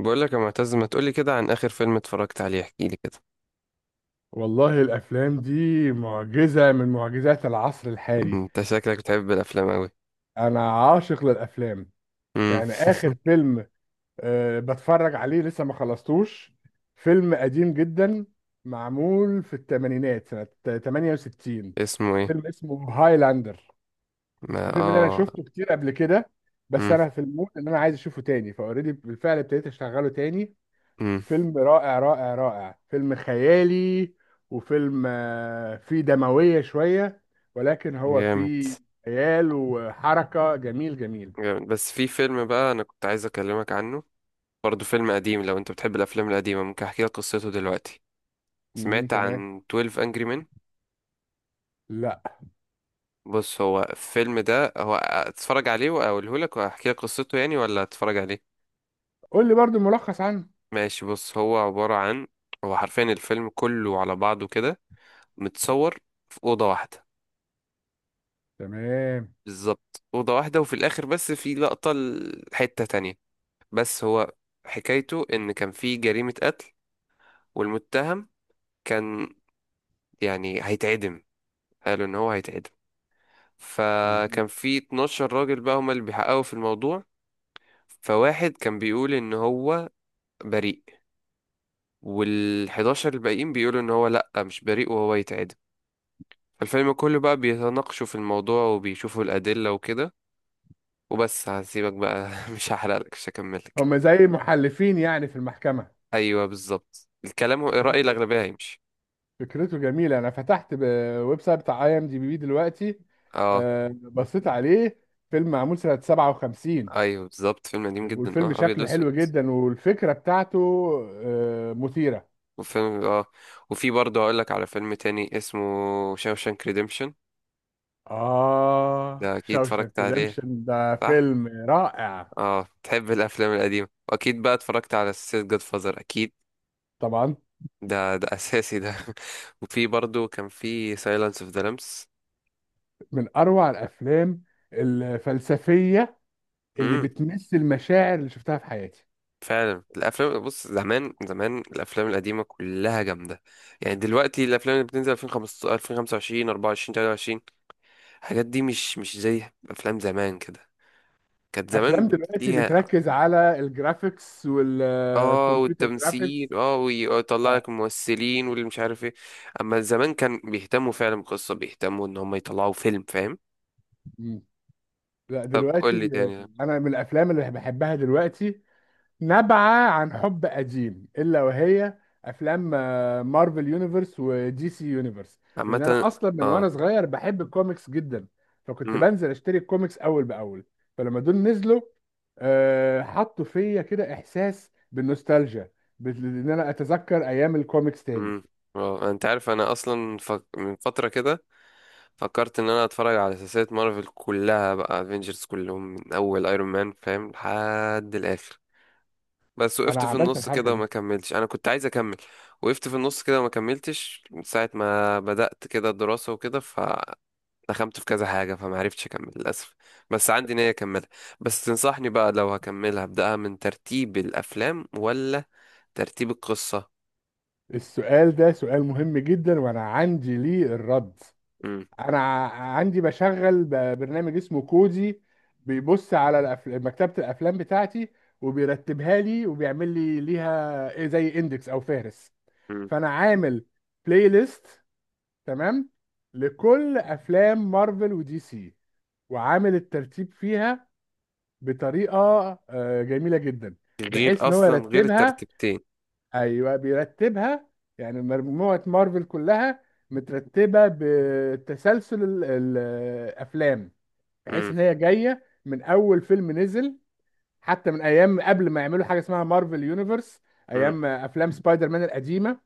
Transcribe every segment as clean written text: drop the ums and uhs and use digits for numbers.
بقول لك يا معتز، ما تقولي كده عن اخر فيلم اتفرجت عليه؟ احكي لي كده. والله الافلام دي معجزه من معجزات العصر الحالي. انت شكلك بتحب الافلام قوي. انا عاشق للافلام. يعني اخر فيلم بتفرج عليه لسه ما خلصتوش. فيلم قديم جدا معمول في الثمانينات سنه 68. اسمه ايه؟ فيلم اسمه هايلاندر. ما الفيلم ده انا اه شفته كتير قبل كده، بس مم، انا في المود ان انا عايز اشوفه تاني فاوريدي، بالفعل ابتديت اشغله تاني. مم، فيلم رائع رائع رائع، فيلم خيالي. وفيلم فيه دموية شوية، ولكن هو جامد. فيه خيال وحركة جميل جميل. جامد، بس في فيلم بقى انا كنت عايز اكلمك عنه، برضه فيلم قديم. لو انت بتحب الافلام القديمه ممكن احكي لك قصته دلوقتي. مهم. سمعت تمام. عن 12 انجري مان؟ لا. بص، هو الفيلم ده هو اتفرج عليه واقوله لك واحكي لك قصته يعني، ولا اتفرج عليه؟ قول لي برضو ملخص عنه. ماشي، بص، هو عباره عن، هو حرفيا الفيلم كله على بعضه كده متصور في أوضة واحدة. تمام. بالظبط أوضة واحدة، وفي الآخر بس في لقطة لحتة تانية. بس هو حكايته إن كان في جريمة قتل، والمتهم كان يعني هيتعدم. قالوا إن هو هيتعدم. فكان مهم. في 12 راجل بقى هما اللي بيحققوا في الموضوع. فواحد كان بيقول إن هو بريء، وال11 الباقيين بيقولوا إن هو لأ، مش بريء وهو يتعدم. الفيلم كله بقى بيتناقشوا في الموضوع وبيشوفوا الأدلة وكده، وبس هسيبك بقى مش هحرقلك، مش هكملك. هم زي محلفين يعني في المحكمة. ايوه بالظبط الكلام، هو رأي فكرته الأغلبية هيمشي. فكرته جميلة. أنا فتحت ويب سايت بتاع اي ام دي بي دلوقتي. اه، بصيت عليه. فيلم معمول سنة 57. ايوه بالظبط، فيلم قديم جدا، والفيلم اه، ابيض شكله واسود. حلو جدا والفكرة بتاعته مثيرة. وفيلم اه، وفي برضه هقول لك على فيلم تاني اسمه شاوشانك ريديمشن. آه، ده اكيد شوشنك اتفرجت عليه، ريدمشن ده صح؟ فيلم رائع. اه، تحب الافلام القديمة، واكيد بقى اتفرجت على سلسلة جاد فازر، اكيد، طبعا. ده اساسي ده. وفي برضه كان في سايلانس اوف ذا لامبس. من أروع الأفلام الفلسفية اللي بتمثل المشاعر اللي شفتها في حياتي. فعلا الافلام، بص زمان زمان الافلام القديمه كلها جامده. يعني دلوقتي الافلام اللي بتنزل 2015، 2025، 24، 23، الحاجات دي مش زي افلام زمان كده. كانت أفلام زمان دلوقتي ليها، بتركز على الجرافيكس اه والكمبيوتر جرافيكس. والتمثيل، اه، ويطلع آه. لك الممثلين واللي مش عارف ايه. اما زمان كان بيهتموا فعلا بقصه، بيهتموا ان هم يطلعوا فيلم فاهم. مم. لا طب قول لي دلوقتي تاني. أنا من الأفلام اللي بحبها دلوقتي، نبعة عن حب قديم إلا وهي أفلام مارفل يونيفرس ودي سي يونيفرس. لأن عامه. أنا أصلا من اه. وأنا صغير بحب الكوميكس جدا، فكنت امم. بنزل أشتري الكوميكس أول بأول. فلما دول نزلوا حطوا فيا كده إحساس بالنوستالجيا، إن أنا أتذكر أيام الكوميكس تاني. امم. اه، انت عارف انا اصلا من فتره كده فكرت ان انا اتفرج على سلسله مارفل كلها بقى، افنجرز كلهم من اول ايرون مان فاهم لحد الاخر. بس وقفت أنا في عملت النص الحركة كده دي. وما كملتش، انا كنت عايز اكمل. وقفت في النص كده وما كملتش من ساعه ما بدات كده الدراسه وكده، فدخلت في كذا حاجه فما عرفتش اكمل للاسف. بس عندي نيه اكملها. بس تنصحني بقى لو هكملها ابداها من ترتيب الافلام ولا ترتيب القصه؟ السؤال ده سؤال مهم جدا وأنا عندي ليه الرد. امم. انا عندي بشغل برنامج اسمه كودي، بيبص على مكتبة الافلام بتاعتي وبيرتبها لي وبيعمل لي ليها إيه زي اندكس او فهرس. امم. فانا عامل بلاي ليست. تمام. لكل افلام مارفل ودي سي، وعامل الترتيب فيها بطريقة جميلة جدا، غير بحيث ان هو اصلا غير يرتبها. الترتيبتين. ايوه بيرتبها. يعني مجموعه مارفل كلها مترتبه بتسلسل الافلام، بحيث امم. ان هي جايه من اول فيلم نزل، حتى من ايام قبل ما يعملوا حاجه اسمها مارفل يونيفرس، ايام افلام سبايدر مان القديمه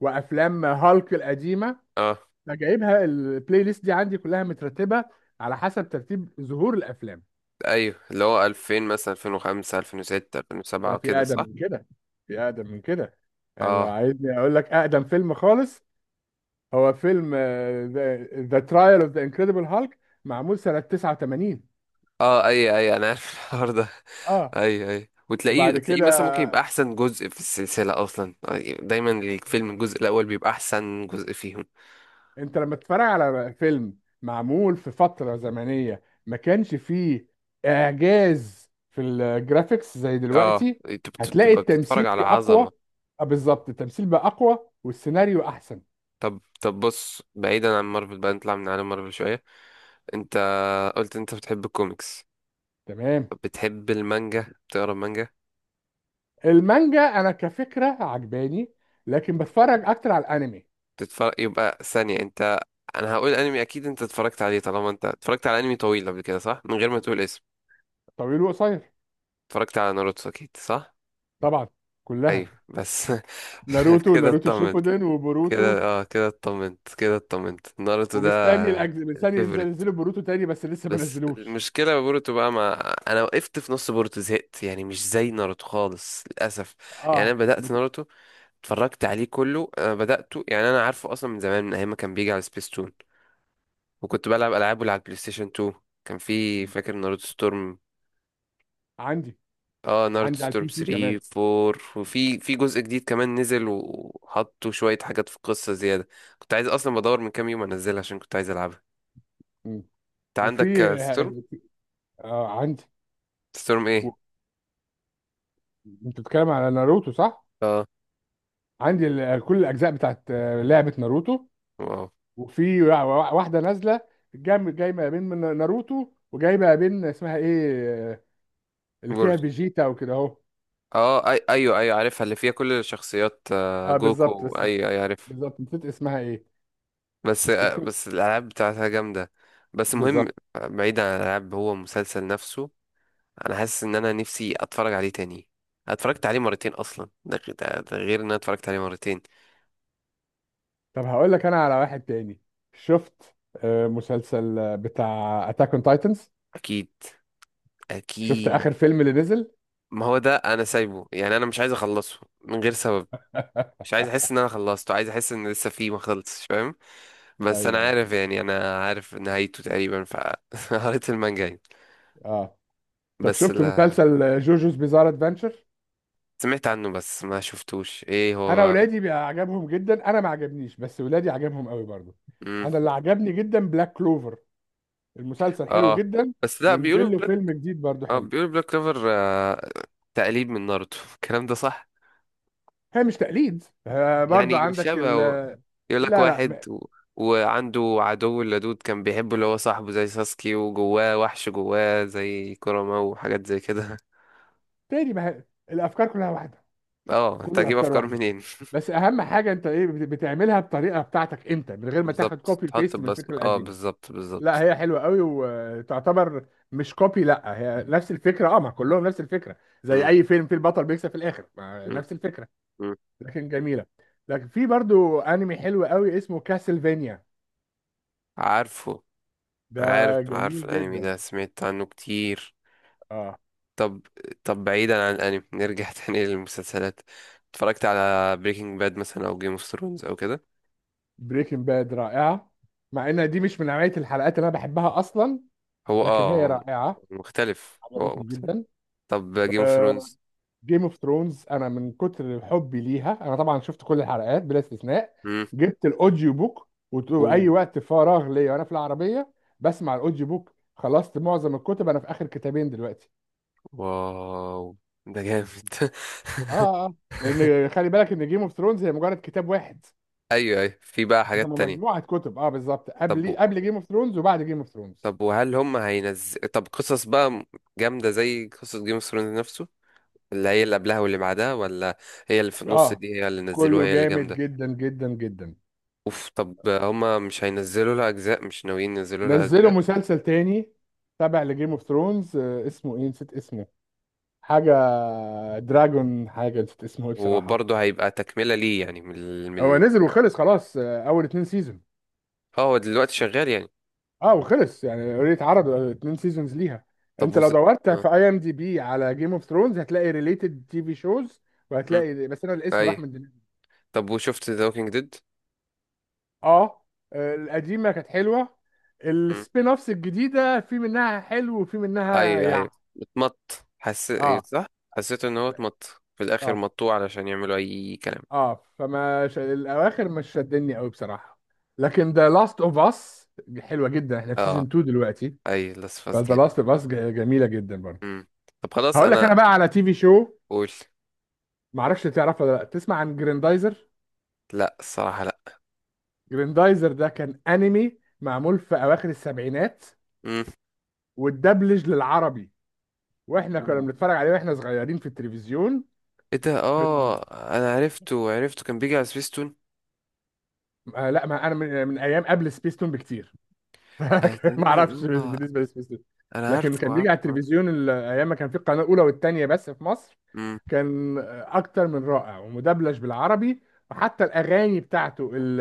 وافلام هالك القديمه. امم. فجايبها البلاي ليست دي عندي كلها مترتبه على حسب ترتيب ظهور الافلام. ايوه، اللي هو 2000 مثلا، 2005، 2006، لا 2007 في كده، اقدم صح؟ من كده، في اقدم من كده. يعني لو اه. عايزني اقول لك اقدم فيلم خالص، هو فيلم ذا ترايل اوف ذا انكريدبل هالك معمول سنة 89. اه، اي اي انا عارف الحوار ده. اه اي اي، وتلاقيه وبعد كده، مثلا ممكن يبقى احسن جزء في السلسله اصلا، دايما الفيلم الجزء الاول بيبقى احسن جزء فيهم. انت لما تتفرج على فيلم معمول في فترة زمنية ما كانش فيه اعجاز في الجرافيكس زي اه دلوقتي، انت هتلاقي بتبقى بتتفرج التمثيل على فيه اقوى. عظمه. بالظبط، التمثيل بقى اقوى والسيناريو احسن. طب طب بص، بعيدا عن مارفل بقى، نطلع من عالم مارفل شويه. انت قلت انت بتحب الكوميكس. تمام. طب بتحب المانجا؟ بتقرا مانجا؟ المانجا انا كفكرة عجباني، لكن بتفرج اكتر على الانمي. تتفرج يبقى ثانية انت. انا هقول انمي اكيد انت اتفرجت عليه، طالما انت اتفرجت على انمي طويل قبل كده، صح؟ من غير ما تقول اسم، طويل وقصير. اتفرجت على ناروتو اكيد، صح؟ طبعا، ايوه كلها. بس ناروتو، كده ناروتو اطمنت. شيبودن، وبوروتو. كده، اه كده اطمنت، كده اطمنت. ناروتو ده ومستني مستني ينزل الفيفوريت. ينزلوا بوروتو تاني، بس لسه ما بس نزلوش. المشكلة بوروتو بقى، مع انا وقفت في نص بوروتو زهقت، يعني مش زي ناروتو خالص للاسف. يعني اه انا بدأت ناروتو، اتفرجت عليه كله. انا بدأته، يعني انا عارفه اصلا من زمان، من ايام ما كان بيجي على سبيستون، وكنت بلعب العاب على البلاي ستيشن 2. كان في، فاكر ناروتو ستورم؟ عندي. اه، ناروتو عندي على ستورم البي سي كمان. 3، 4، وفي في جزء جديد كمان نزل وحطوا شوية حاجات في القصة زيادة. كنت عايز اصلا بدور من كام يوم انزلها عشان كنت عايز العبها. مم. انت وفي، عندك ستورم؟ عندي. ستورم و... ايه؟ انت بتتكلم على ناروتو صح؟ اه. عندي كل الاجزاء بتاعت لعبة ناروتو. واو. وفي واحدة نازلة. جايبه ما بين من ناروتو، وجايبه ما بين اسمها ايه اللي فيها جورج. فيجيتا وكده اهو. اه، أي ايوه ايوه عارفها اللي فيها كل الشخصيات، اه بالظبط، جوكو، ايوه ايوه عارف. بالظبط نسيت اسمها ايه. بس لكن. بس الالعاب بتاعتها جامدة. بس المهم، بالظبط. بعيد عن الالعاب، هو مسلسل نفسه. انا حاسس ان انا نفسي اتفرج عليه تاني. أنا اتفرجت عليه مرتين اصلا، ده غير ان انا اتفرجت عليه مرتين. طب هقول لك انا على واحد تاني. شفت مسلسل بتاع اتاك اون تايتنز. اكيد. شفت اكيد. اخر فيلم اللي نزل. ما هو ده انا سايبه، يعني انا مش عايز اخلصه من غير سبب، مش عايز احس ان انا خلصته، عايز احس ان لسه فيه ما خلصش، فاهم؟ ايوه، بس انا ايوه. عارف، يعني انا عارف نهايته تقريبا، فقريت المانجا يعني. اه. طب بس شفت لا. مسلسل جوجوز بيزار ادفنتشر؟ سمعت عنه بس ما شفتوش، ايه انا هو؟ ولادي بقى عجبهم جدا، انا ما عجبنيش، بس ولادي عجبهم قوي برضو. مم. انا اللي عجبني جدا بلاك كلوفر، المسلسل حلو اه. جدا. بس لا بيقولوا ونزل له بلاك. فيلم جديد برضو اه حلو. بيقولوا بلاك كلوفر تقليد من ناروتو. الكلام ده صح. هي مش تقليد، آه برضو يعني عندك ال شبهه، آه، يقول لك لا، لا واحد وعنده عدو اللدود كان بيحبه اللي هو صاحبه زي ساسكي، وجواه وحش جواه زي كوراما وحاجات زي كده. تاني ما هي- الافكار كلها واحده. اه كل انت هتجيب الافكار افكار واحده. منين؟ بس اهم حاجه، انت ايه بتعملها بطريقه بتاعتك انت، من غير ما تاخد بالظبط كوبي تحط بيست من بصمة، الفكره اه القديمه. بالظبط لا بالظبط. هي حلوه قوي وتعتبر، مش كوبي، لا هي نفس الفكره، اه ما كلهم نفس الفكره. زي مم، اي فيلم فيه البطل بيكسب في الاخر، ما مم، نفس الفكره. مم. لكن جميله. لكن في برضو انمي حلو قوي اسمه كاسلفينيا. عارفه. ده عارف جميل عارف الانمي جدا. ده سمعت عنه كتير. اه. طب، طب بعيدا عن الانمي نرجع تاني للمسلسلات. اتفرجت على بريكنج باد مثلا او جيم اوف ثرونز او كده؟ بريكنج باد رائعه، مع ان دي مش من نوعيه الحلقات اللي انا بحبها اصلا، هو لكن اه هي هو رائعه. مختلف، هو عجبتني مختلف. جدا. طب جيم اوف ثرونز. جيم اوف ثرونز انا من كتر حبي ليها انا طبعا شفت كل الحلقات بلا استثناء. جبت الاوديو بوك، واي اوه. وقت فراغ ليا وانا في العربيه بسمع الاوديو بوك. خلصت معظم الكتب، انا في اخر كتابين دلوقتي. واو. ده جامد اه. اه آه. لان خلي بالك ان جيم اوف ثرونز هي مجرد كتاب واحد. ايوه ايوه في بقى هم حاجات تانية. مجموعه كتب، اه بالظبط، طب قبل جيم اوف ثرونز وبعد جيم اوف ثرونز. طب وهل هم هينزل، طب قصص بقى جامدة زي قصة جيم اوف ثرونز نفسه، اللي هي اللي قبلها واللي بعدها ولا هي اللي في النص اه دي هي اللي نزلوها كله هي اللي جامد جامدة؟ جدا جدا جدا. اوف، طب هم مش هينزلوا لها اجزاء، مش ناويين ينزلوا لها نزلوا اجزاء؟ مسلسل تاني تابع لجيم اوف ثرونز، اسمه ايه نسيت اسمه. حاجة دراجون، حاجة نسيت اسمه ايه بصراحة. وبرضه هيبقى تكملة ليه يعني هو نزل وخلص خلاص، اول اتنين سيزون. اه هو دلوقتي شغال يعني. اه وخلص يعني اوريدي اتعرض اتنين سيزونز ليها. طب انت لو دورت آه، في اي ام دي بي على جيم اوف ثرونز هتلاقي ريليتد تي في شوز، مم، وهتلاقي، بس انا الاسم راح ايوه. من دماغي. طب وشفت ذا ووكينج ديد؟ اه القديمه كانت حلوه. السبين اوفس الجديده في منها حلو وفي منها ايوه ايوه، اتمط اه حسيت صح؟ حسيت ان هو اتمط في الاخر، اه مطوه علشان يعملوا اي كلام. اه فما الاواخر مش شدني قوي بصراحه. لكن ذا لاست اوف اس حلوه جدا، احنا في سيزون اه. 2 دلوقتي. اي لاس فذا جيم. لاست اوف اس جميله جدا برضه. امم. طب خلاص، هقول لك انا. انا بقى على تي في شو. قول. ما اعرفش تعرف ولا لا، تسمع عن جريندايزر؟ لا الصراحه لا. جريندايزر ده كان انمي معمول في اواخر السبعينات، امم. واتدبلج للعربي، واحنا كنا أوه. بنتفرج عليه واحنا صغيرين في التلفزيون. ايه ده، اه كان- انا عرفته عرفته، كان بيجي على سبيستون. آه لا، ما انا من, ايام قبل سبيستون بكتير. آه ما تقريبا. اعرفش اه بالنسبه لسميث سون. انا لكن عارفه كان بيجي على عارفه عارفه. التلفزيون ايام ما كان في القناه الاولى والثانيه بس في مصر. امم. كان اكتر من رائع ومدبلج بالعربي، وحتى الاغاني بتاعته ال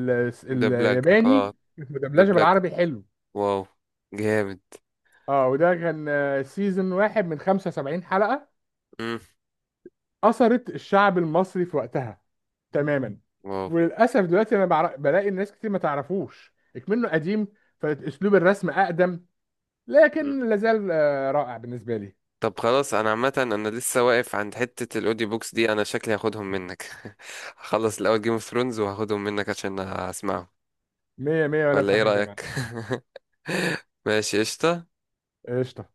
ال ده بلاك. الياباني اه ده مدبلجه بلاك. بالعربي حلو. واو. جامد. اه وده كان سيزون واحد من 75 حلقه، امم. اثرت الشعب المصري في وقتها تماما. واو. وللاسف دلوقتي انا بلاقي الناس كتير ما تعرفوش اكمنه قديم، فاسلوب الرسم اقدم، لكن لازال رائع بالنسبة لي. طب خلاص انا عامه، انا لسه واقف عند حته الاوديو بوكس دي، انا شكلي هاخدهم منك. هخلص الاول جيم اوف ثرونز وهاخدهم منك عشان اسمعهم، مية مية ولا ولا ايه فراخ الجمال. رايك؟ ماشي قشطه. قشطة.